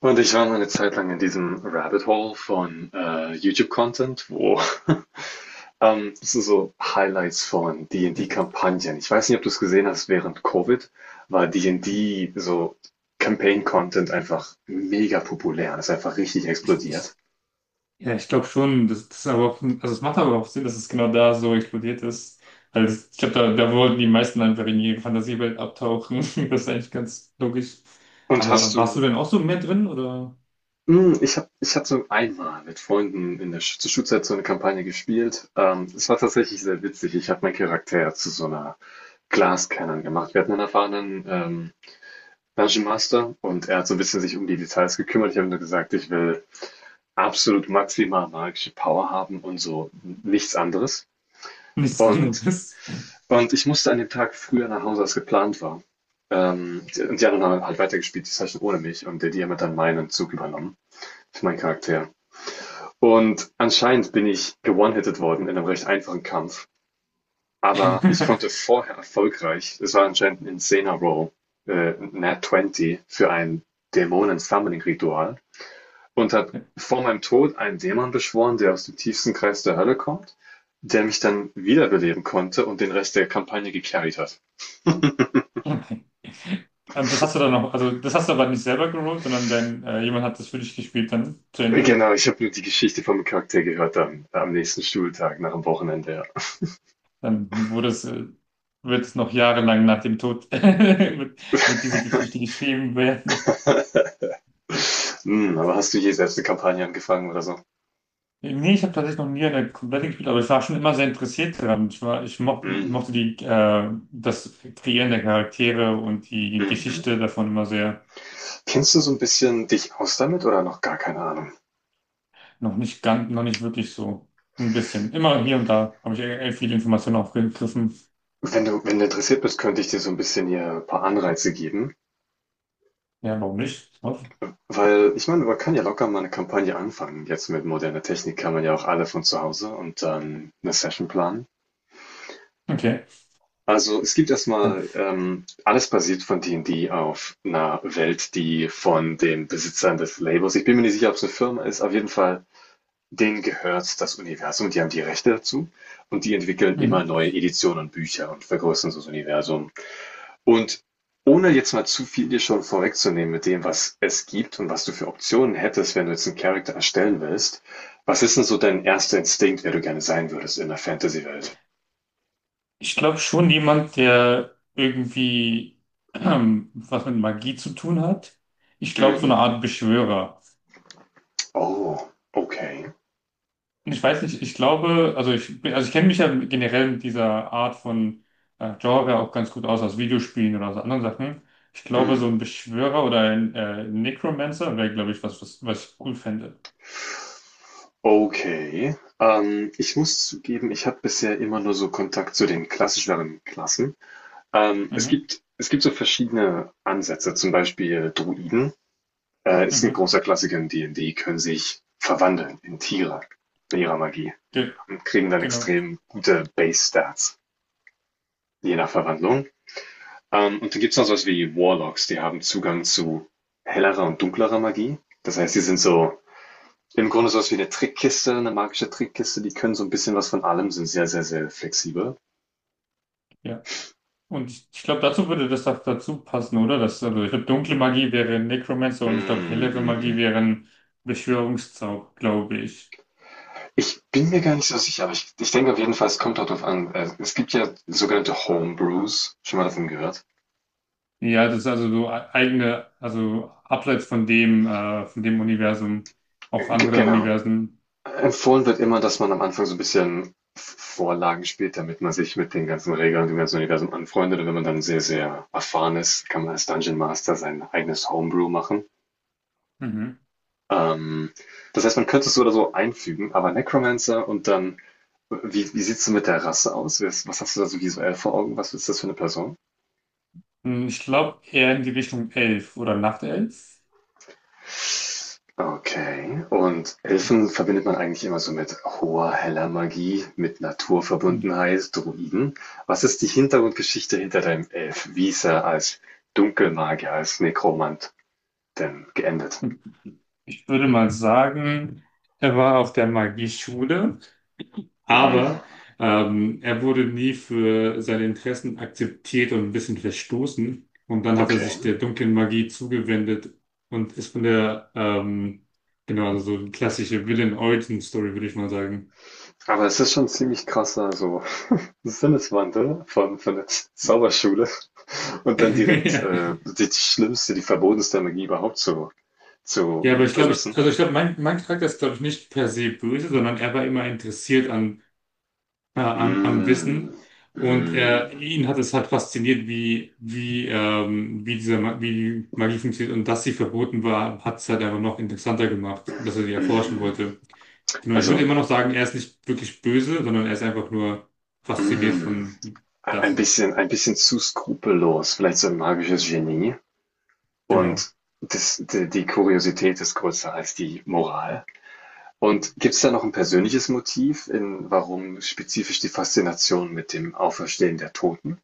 Und ich war mal eine Zeit lang in diesem Rabbit Hole von YouTube-Content, wo das sind so Highlights von Ja, D&D-Kampagnen. Ich weiß nicht, ob du es gesehen hast, während Covid war D&D so Campaign-Content einfach mega populär. Das ist einfach richtig ich, explodiert. ich, ja, ich glaube schon, das ist aber auch, also es macht aber auch Sinn, dass es genau da so explodiert ist. Also ich glaube, da wollten die meisten einfach in ihre Fantasiewelt abtauchen. Das ist eigentlich ganz logisch. Und hast Aber warst du du, denn auch so mehr drin oder ich hab so einmal mit Freunden in der Sch zur Schulzeit so eine Kampagne gespielt. Es war tatsächlich sehr witzig. Ich habe meinen Charakter zu so einer Glascannon gemacht. Wir hatten einen erfahrenen Dungeon-Master, und er hat so ein bisschen sich um die Details gekümmert. Ich habe nur gesagt, ich will absolut maximal magische Power haben und so nichts anderes. nichts Und, anderes? und ich musste an dem Tag früher nach Hause, als geplant war. Und die anderen haben halt weitergespielt, die Session ohne mich, und der DM hat dann meinen Zug übernommen für meinen Charakter. Und anscheinend bin ich gewone-hitted worden in einem recht einfachen Kampf. Aber ich konnte vorher erfolgreich, es war anscheinend ein Insana Roll, Nat 20 für ein Dämonen-Summoning-Ritual, und hat vor meinem Tod einen Dämon beschworen, der aus dem tiefsten Kreis der Hölle kommt, der mich dann wiederbeleben konnte und den Rest der Kampagne gecarried hat. Und das hast du dann noch, also das hast du aber nicht selber gerollt, sondern dein, jemand hat das für dich gespielt dann zu Ende. Genau, ich habe nur die Geschichte vom Charakter gehört am nächsten Schultag, nach dem Wochenende. Dann wurde es, wird es noch jahrelang nach dem Tod wird diese Geschichte Ja. geschrieben werden. Aber hast du je selbst eine Kampagne angefangen oder so? Nee, ich habe tatsächlich noch nie eine komplette gespielt, aber ich war schon immer sehr interessiert daran. Ich war, Hm. mochte die, das Kreieren der Charaktere und die Hm, hm. Geschichte davon immer sehr. Kennst du so ein bisschen dich aus damit oder noch gar keine Ahnung? Noch nicht ganz, noch nicht wirklich so. Ein bisschen. Immer hier und da habe ich viele Informationen aufgegriffen. Wenn du interessiert bist, könnte ich dir so ein bisschen hier ein paar Anreize geben. Ja, warum nicht? Weil, ich meine, man kann ja locker mal eine Kampagne anfangen. Jetzt mit moderner Technik kann man ja auch alle von zu Hause und dann eine Session planen. Okay. Also, es gibt Ja. erstmal alles basiert von D&D auf einer Welt, die von den Besitzern des Labels, ich bin mir nicht sicher, ob es eine Firma ist, auf jeden Fall, denen gehört das Universum, die haben die Rechte dazu, und die entwickeln immer Mhm. neue Editionen und Bücher und vergrößern so das Universum. Und ohne jetzt mal zu viel dir schon vorwegzunehmen mit dem, was es gibt und was du für Optionen hättest, wenn du jetzt einen Charakter erstellen willst, was ist denn so dein erster Instinkt, wer du gerne sein würdest in der Fantasy-Welt? Ich glaube schon jemand, der irgendwie was mit Magie zu tun hat. Ich glaube so Mhm. eine Art Beschwörer. Oh, okay. Ich weiß nicht, ich glaube, also ich kenne mich ja generell mit dieser Art von Genre auch ganz gut aus, aus Videospielen oder aus anderen Sachen. Ich glaube, so ein Mhm. Beschwörer oder ein Necromancer wäre, glaube ich, was ich cool fände. Okay. Ich muss zugeben, ich habe bisher immer nur so Kontakt zu den klassischeren Klassen. Es Mhm, gibt es gibt so verschiedene Ansätze, zum Beispiel Druiden, ist ein mhm, großer Klassiker in D&D, können sich verwandeln in Tiere mit ihrer Magie ge und kriegen dann genau, extrem gute Base-Stats, je nach Verwandlung. Und dann gibt es noch sowas wie Warlocks, die haben Zugang zu hellerer und dunklerer Magie. Das heißt, die sind so im Grunde sowas wie eine Trickkiste, eine magische Trickkiste. Die können so ein bisschen was von allem, sind sehr, sehr, sehr flexibel. ja. Und ich glaube, dazu würde das doch dazu passen, oder? Das, also ich glaube, dunkle Magie wäre Necromancer und ich glaube, Mm, hellere mm, Magie mm. wären Beschwörungszauber, glaube ich. Ich bin mir gar nicht so sicher, aber ich denke auf jeden Fall, es kommt darauf an. Es gibt ja sogenannte Homebrews. Schon mal davon gehört? Ja, das ist also so eigene, also abseits von dem Universum, auch G andere Genau. Universen. Empfohlen wird immer, dass man am Anfang so ein bisschen V Vorlagen spielt, damit man sich mit den ganzen Regeln, dem ganzen Universum anfreundet, und wenn man dann sehr, sehr erfahren ist, kann man als Dungeon Master sein eigenes Homebrew machen. Mhm. Ähm, das heißt, man könnte es so oder so einfügen, aber Necromancer, und dann, wie sieht's denn mit der Rasse aus? Wes Was hast du da so visuell vor Augen? Was ist das für eine Person? Hm, ich glaube eher in die Richtung Elf oder Nachtelf. Okay. Und Elfen verbindet man eigentlich immer so mit hoher, heller Magie, mit Hm. Naturverbundenheit, Druiden. Was ist die Hintergrundgeschichte hinter deinem Elf? Wie ist er als Dunkelmagier, als Nekromant denn geendet? Ich würde mal sagen, er war auf der Magieschule, Hm, aber er wurde nie für seine Interessen akzeptiert und ein bisschen verstoßen. Und dann hat er okay. sich der dunklen Magie zugewendet und ist von der, genau, also so eine klassische Villain-Origin-Story, würde ich mal sagen. Aber es ist schon ziemlich krasser, so Sinneswandel von der Zauberschule und dann direkt, Ja. Die schlimmste, die verbotenste Magie überhaupt zu, Ja, aber zu ich glaube, benutzen. also ich glaube, mein Charakter ist, glaube ich, nicht per se böse, sondern er war immer interessiert an, am Hm, Wissen. Und hm, ihn hat es halt fasziniert, wie wie die Magie funktioniert. Und dass sie verboten war, hat es halt einfach noch interessanter gemacht, dass er sie erforschen hm. wollte. Genau, ich würde Also, immer noch sagen, er ist nicht wirklich böse, sondern er ist einfach nur fasziniert hm, von ein davon. bisschen, ein bisschen zu skrupellos, vielleicht so ein magisches Genie. Genau. Und die Kuriosität ist größer als die Moral. Und gibt es da noch ein persönliches Motiv, in warum spezifisch die Faszination mit dem Auferstehen der Toten?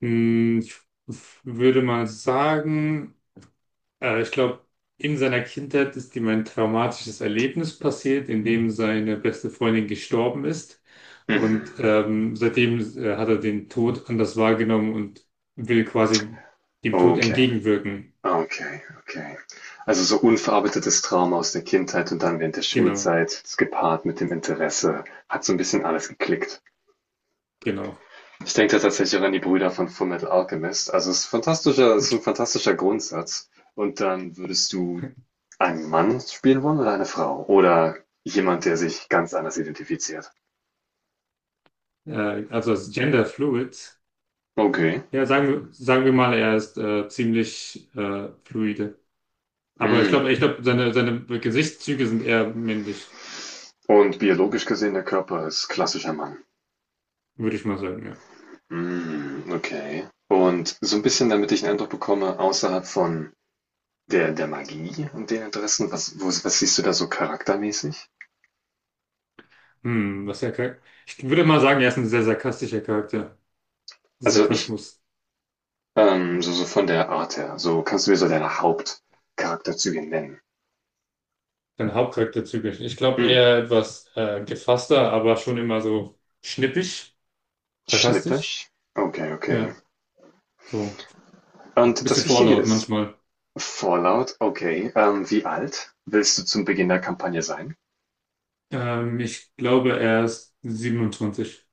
Hm, ich würde mal sagen, ich glaube, in seiner Kindheit ist ihm ein traumatisches Erlebnis passiert, in dem seine beste Freundin gestorben ist. Und Mhm. Seitdem hat er den Tod anders wahrgenommen und will quasi dem Tod Okay, entgegenwirken. okay, okay. Also so unverarbeitetes Trauma aus der Kindheit, und dann während der Genau, Schulzeit, das gepaart mit dem Interesse, hat so ein bisschen alles geklickt. genau. Ich denke da tatsächlich auch an die Brüder von Fullmetal Alchemist. Also es ist fantastischer, es ist ein fantastischer Grundsatz. Und dann würdest du einen Mann spielen wollen oder eine Frau? Oder jemand, der sich ganz anders identifiziert? Also als Gender Fluid. Okay. Ja, sagen wir mal, er ist ziemlich fluide. Aber Mm. Ich glaube, seine Gesichtszüge sind eher männlich, Und biologisch gesehen, der Körper ist klassischer Mann. würde ich mal sagen, ja. Mm, okay. Und so ein bisschen, damit ich einen Eindruck bekomme, außerhalb von der Magie und den Interessen, was siehst du da so charaktermäßig? Hm, was er, char- Ich würde mal sagen, er ist ein sehr sarkastischer Charakter. Also ich, Sarkasmus, so, so von der Art her. So, kannst du mir so deine Hauptcharakterzüge nennen? sein Hauptcharakterzug. Ich glaube Hm, eher etwas gefasster, aber schon immer so schnippisch, sarkastisch. schnippisch? Okay, okay. Ja, so ein Und bisschen das Wichtige vorlaut ist, manchmal. Fallout, okay. Wie alt willst du zum Beginn der Kampagne sein? Ich glaube, er ist 27.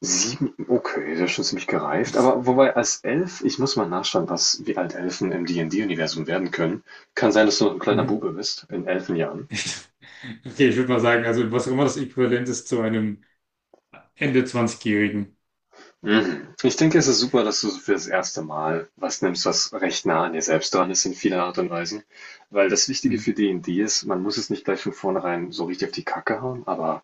Sieben, okay, das ist schon ziemlich gereift. Aber wobei, als Elf, ich muss mal nachschauen, wie alt Elfen im D&D-Universum werden können. Kann sein, dass du noch ein kleiner Mhm. Bube bist, in Elfenjahren. Okay, ich würde mal sagen, also was auch immer das Äquivalent ist zu einem Ende 20-Jährigen. Mhm. Ich denke, es ist super, dass du so für das erste Mal was nimmst, was recht nah an dir selbst dran ist in vieler Art und Weise. Weil das Wichtige Mhm. für D&D ist, man muss es nicht gleich von vornherein so richtig auf die Kacke hauen, aber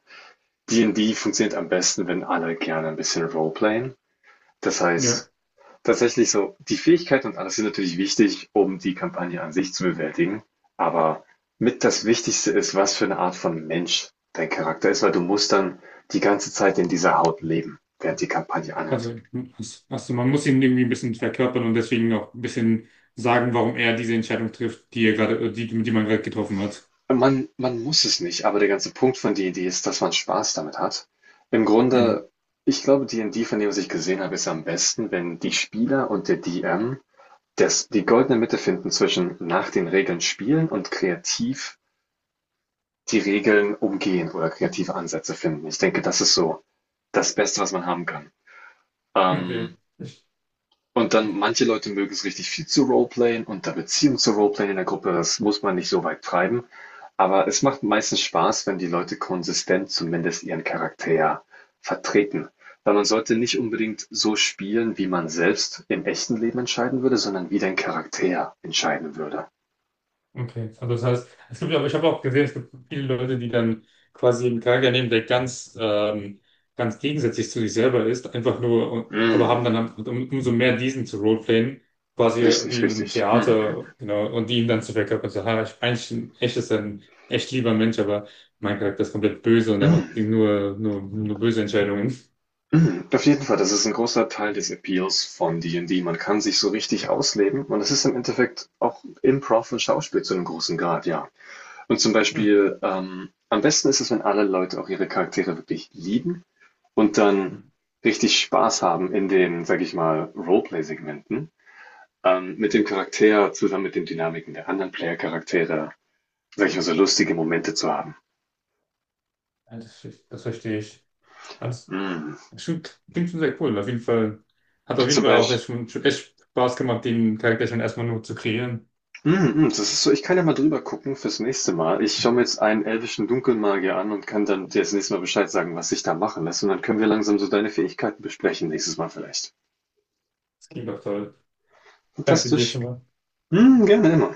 D&D funktioniert am besten, wenn alle gerne ein bisschen Roleplayen. Das Ja. heißt, tatsächlich so, die Fähigkeiten und alles sind natürlich wichtig, um die Kampagne an sich zu bewältigen. Aber mit das Wichtigste ist, was für eine Art von Mensch dein Charakter ist, weil du musst dann die ganze Zeit in dieser Haut leben, während die Kampagne anhält. Also, also man muss ihn irgendwie ein bisschen verkörpern und deswegen auch ein bisschen sagen, warum er diese Entscheidung trifft, die, man gerade getroffen hat. Man muss es nicht, aber der ganze Punkt von D&D ist, dass man Spaß damit hat. Im Mhm. Grunde, ich glaube, D&D, von dem, was ich gesehen habe, ist am besten, wenn die Spieler und der DM das die goldene Mitte finden zwischen nach den Regeln spielen und kreativ die Regeln umgehen oder kreative Ansätze finden. Ich denke, das ist so das Beste, was man haben kann. Okay. Ähm, Und dann, manche Leute mögen es richtig viel zu roleplayen und da Beziehung zu roleplayen in der Gruppe, das muss man nicht so weit treiben. Aber es macht meistens Spaß, wenn die Leute konsistent zumindest ihren Charakter vertreten. Weil man sollte nicht unbedingt so spielen, wie man selbst im echten Leben entscheiden würde, sondern wie dein Charakter entscheiden würde. Okay, also das heißt, es gibt ja, aber, ich habe auch gesehen, es gibt viele Leute, die dann quasi einen Charakter nehmen, der ganz, ganz gegensätzlich zu sich selber ist, einfach nur, aber Mm, haben dann halt umso mehr diesen zu roleplayen, quasi wie richtig, in einem richtig. Mm, mm, Theater, genau, und die ihn dann zu verkörpern, so, ha, ich, ein echt lieber Mensch, aber mein Charakter ist komplett böse und er macht mm. nur, nur böse Entscheidungen. Mhm, auf jeden Fall, das ist ein großer Teil des Appeals von D&D. Man kann sich so richtig ausleben, und es ist im Endeffekt auch Improv und Schauspiel zu einem großen Grad, ja. Und zum Hm. Beispiel, am besten ist es, wenn alle Leute auch ihre Charaktere wirklich lieben und dann Hm. richtig Spaß haben in den, sage ich mal, Roleplay-Segmenten, mit dem Charakter zusammen mit den Dynamiken der anderen Player-Charaktere, sage ich mal, so lustige Momente zu haben. Ja, das verstehe ich. Mhm. Stimmt, klingt schon sehr cool. Auf jeden Zum Fall auch Beispiel. echt, schon echt Spaß gemacht, den Charakter schon erstmal nur zu kreieren. Mhm, mhm, das ist so, ich kann ja mal drüber gucken fürs nächste Mal. Ich schaue mir jetzt einen elvischen Dunkelmagier an und kann dann dir das nächste Mal Bescheid sagen, was sich da machen lässt. Und dann können wir langsam so deine Fähigkeiten besprechen nächstes Mal vielleicht. Das klingt doch toll. Danke dir Fantastisch. schon mal. Mhm, gerne immer.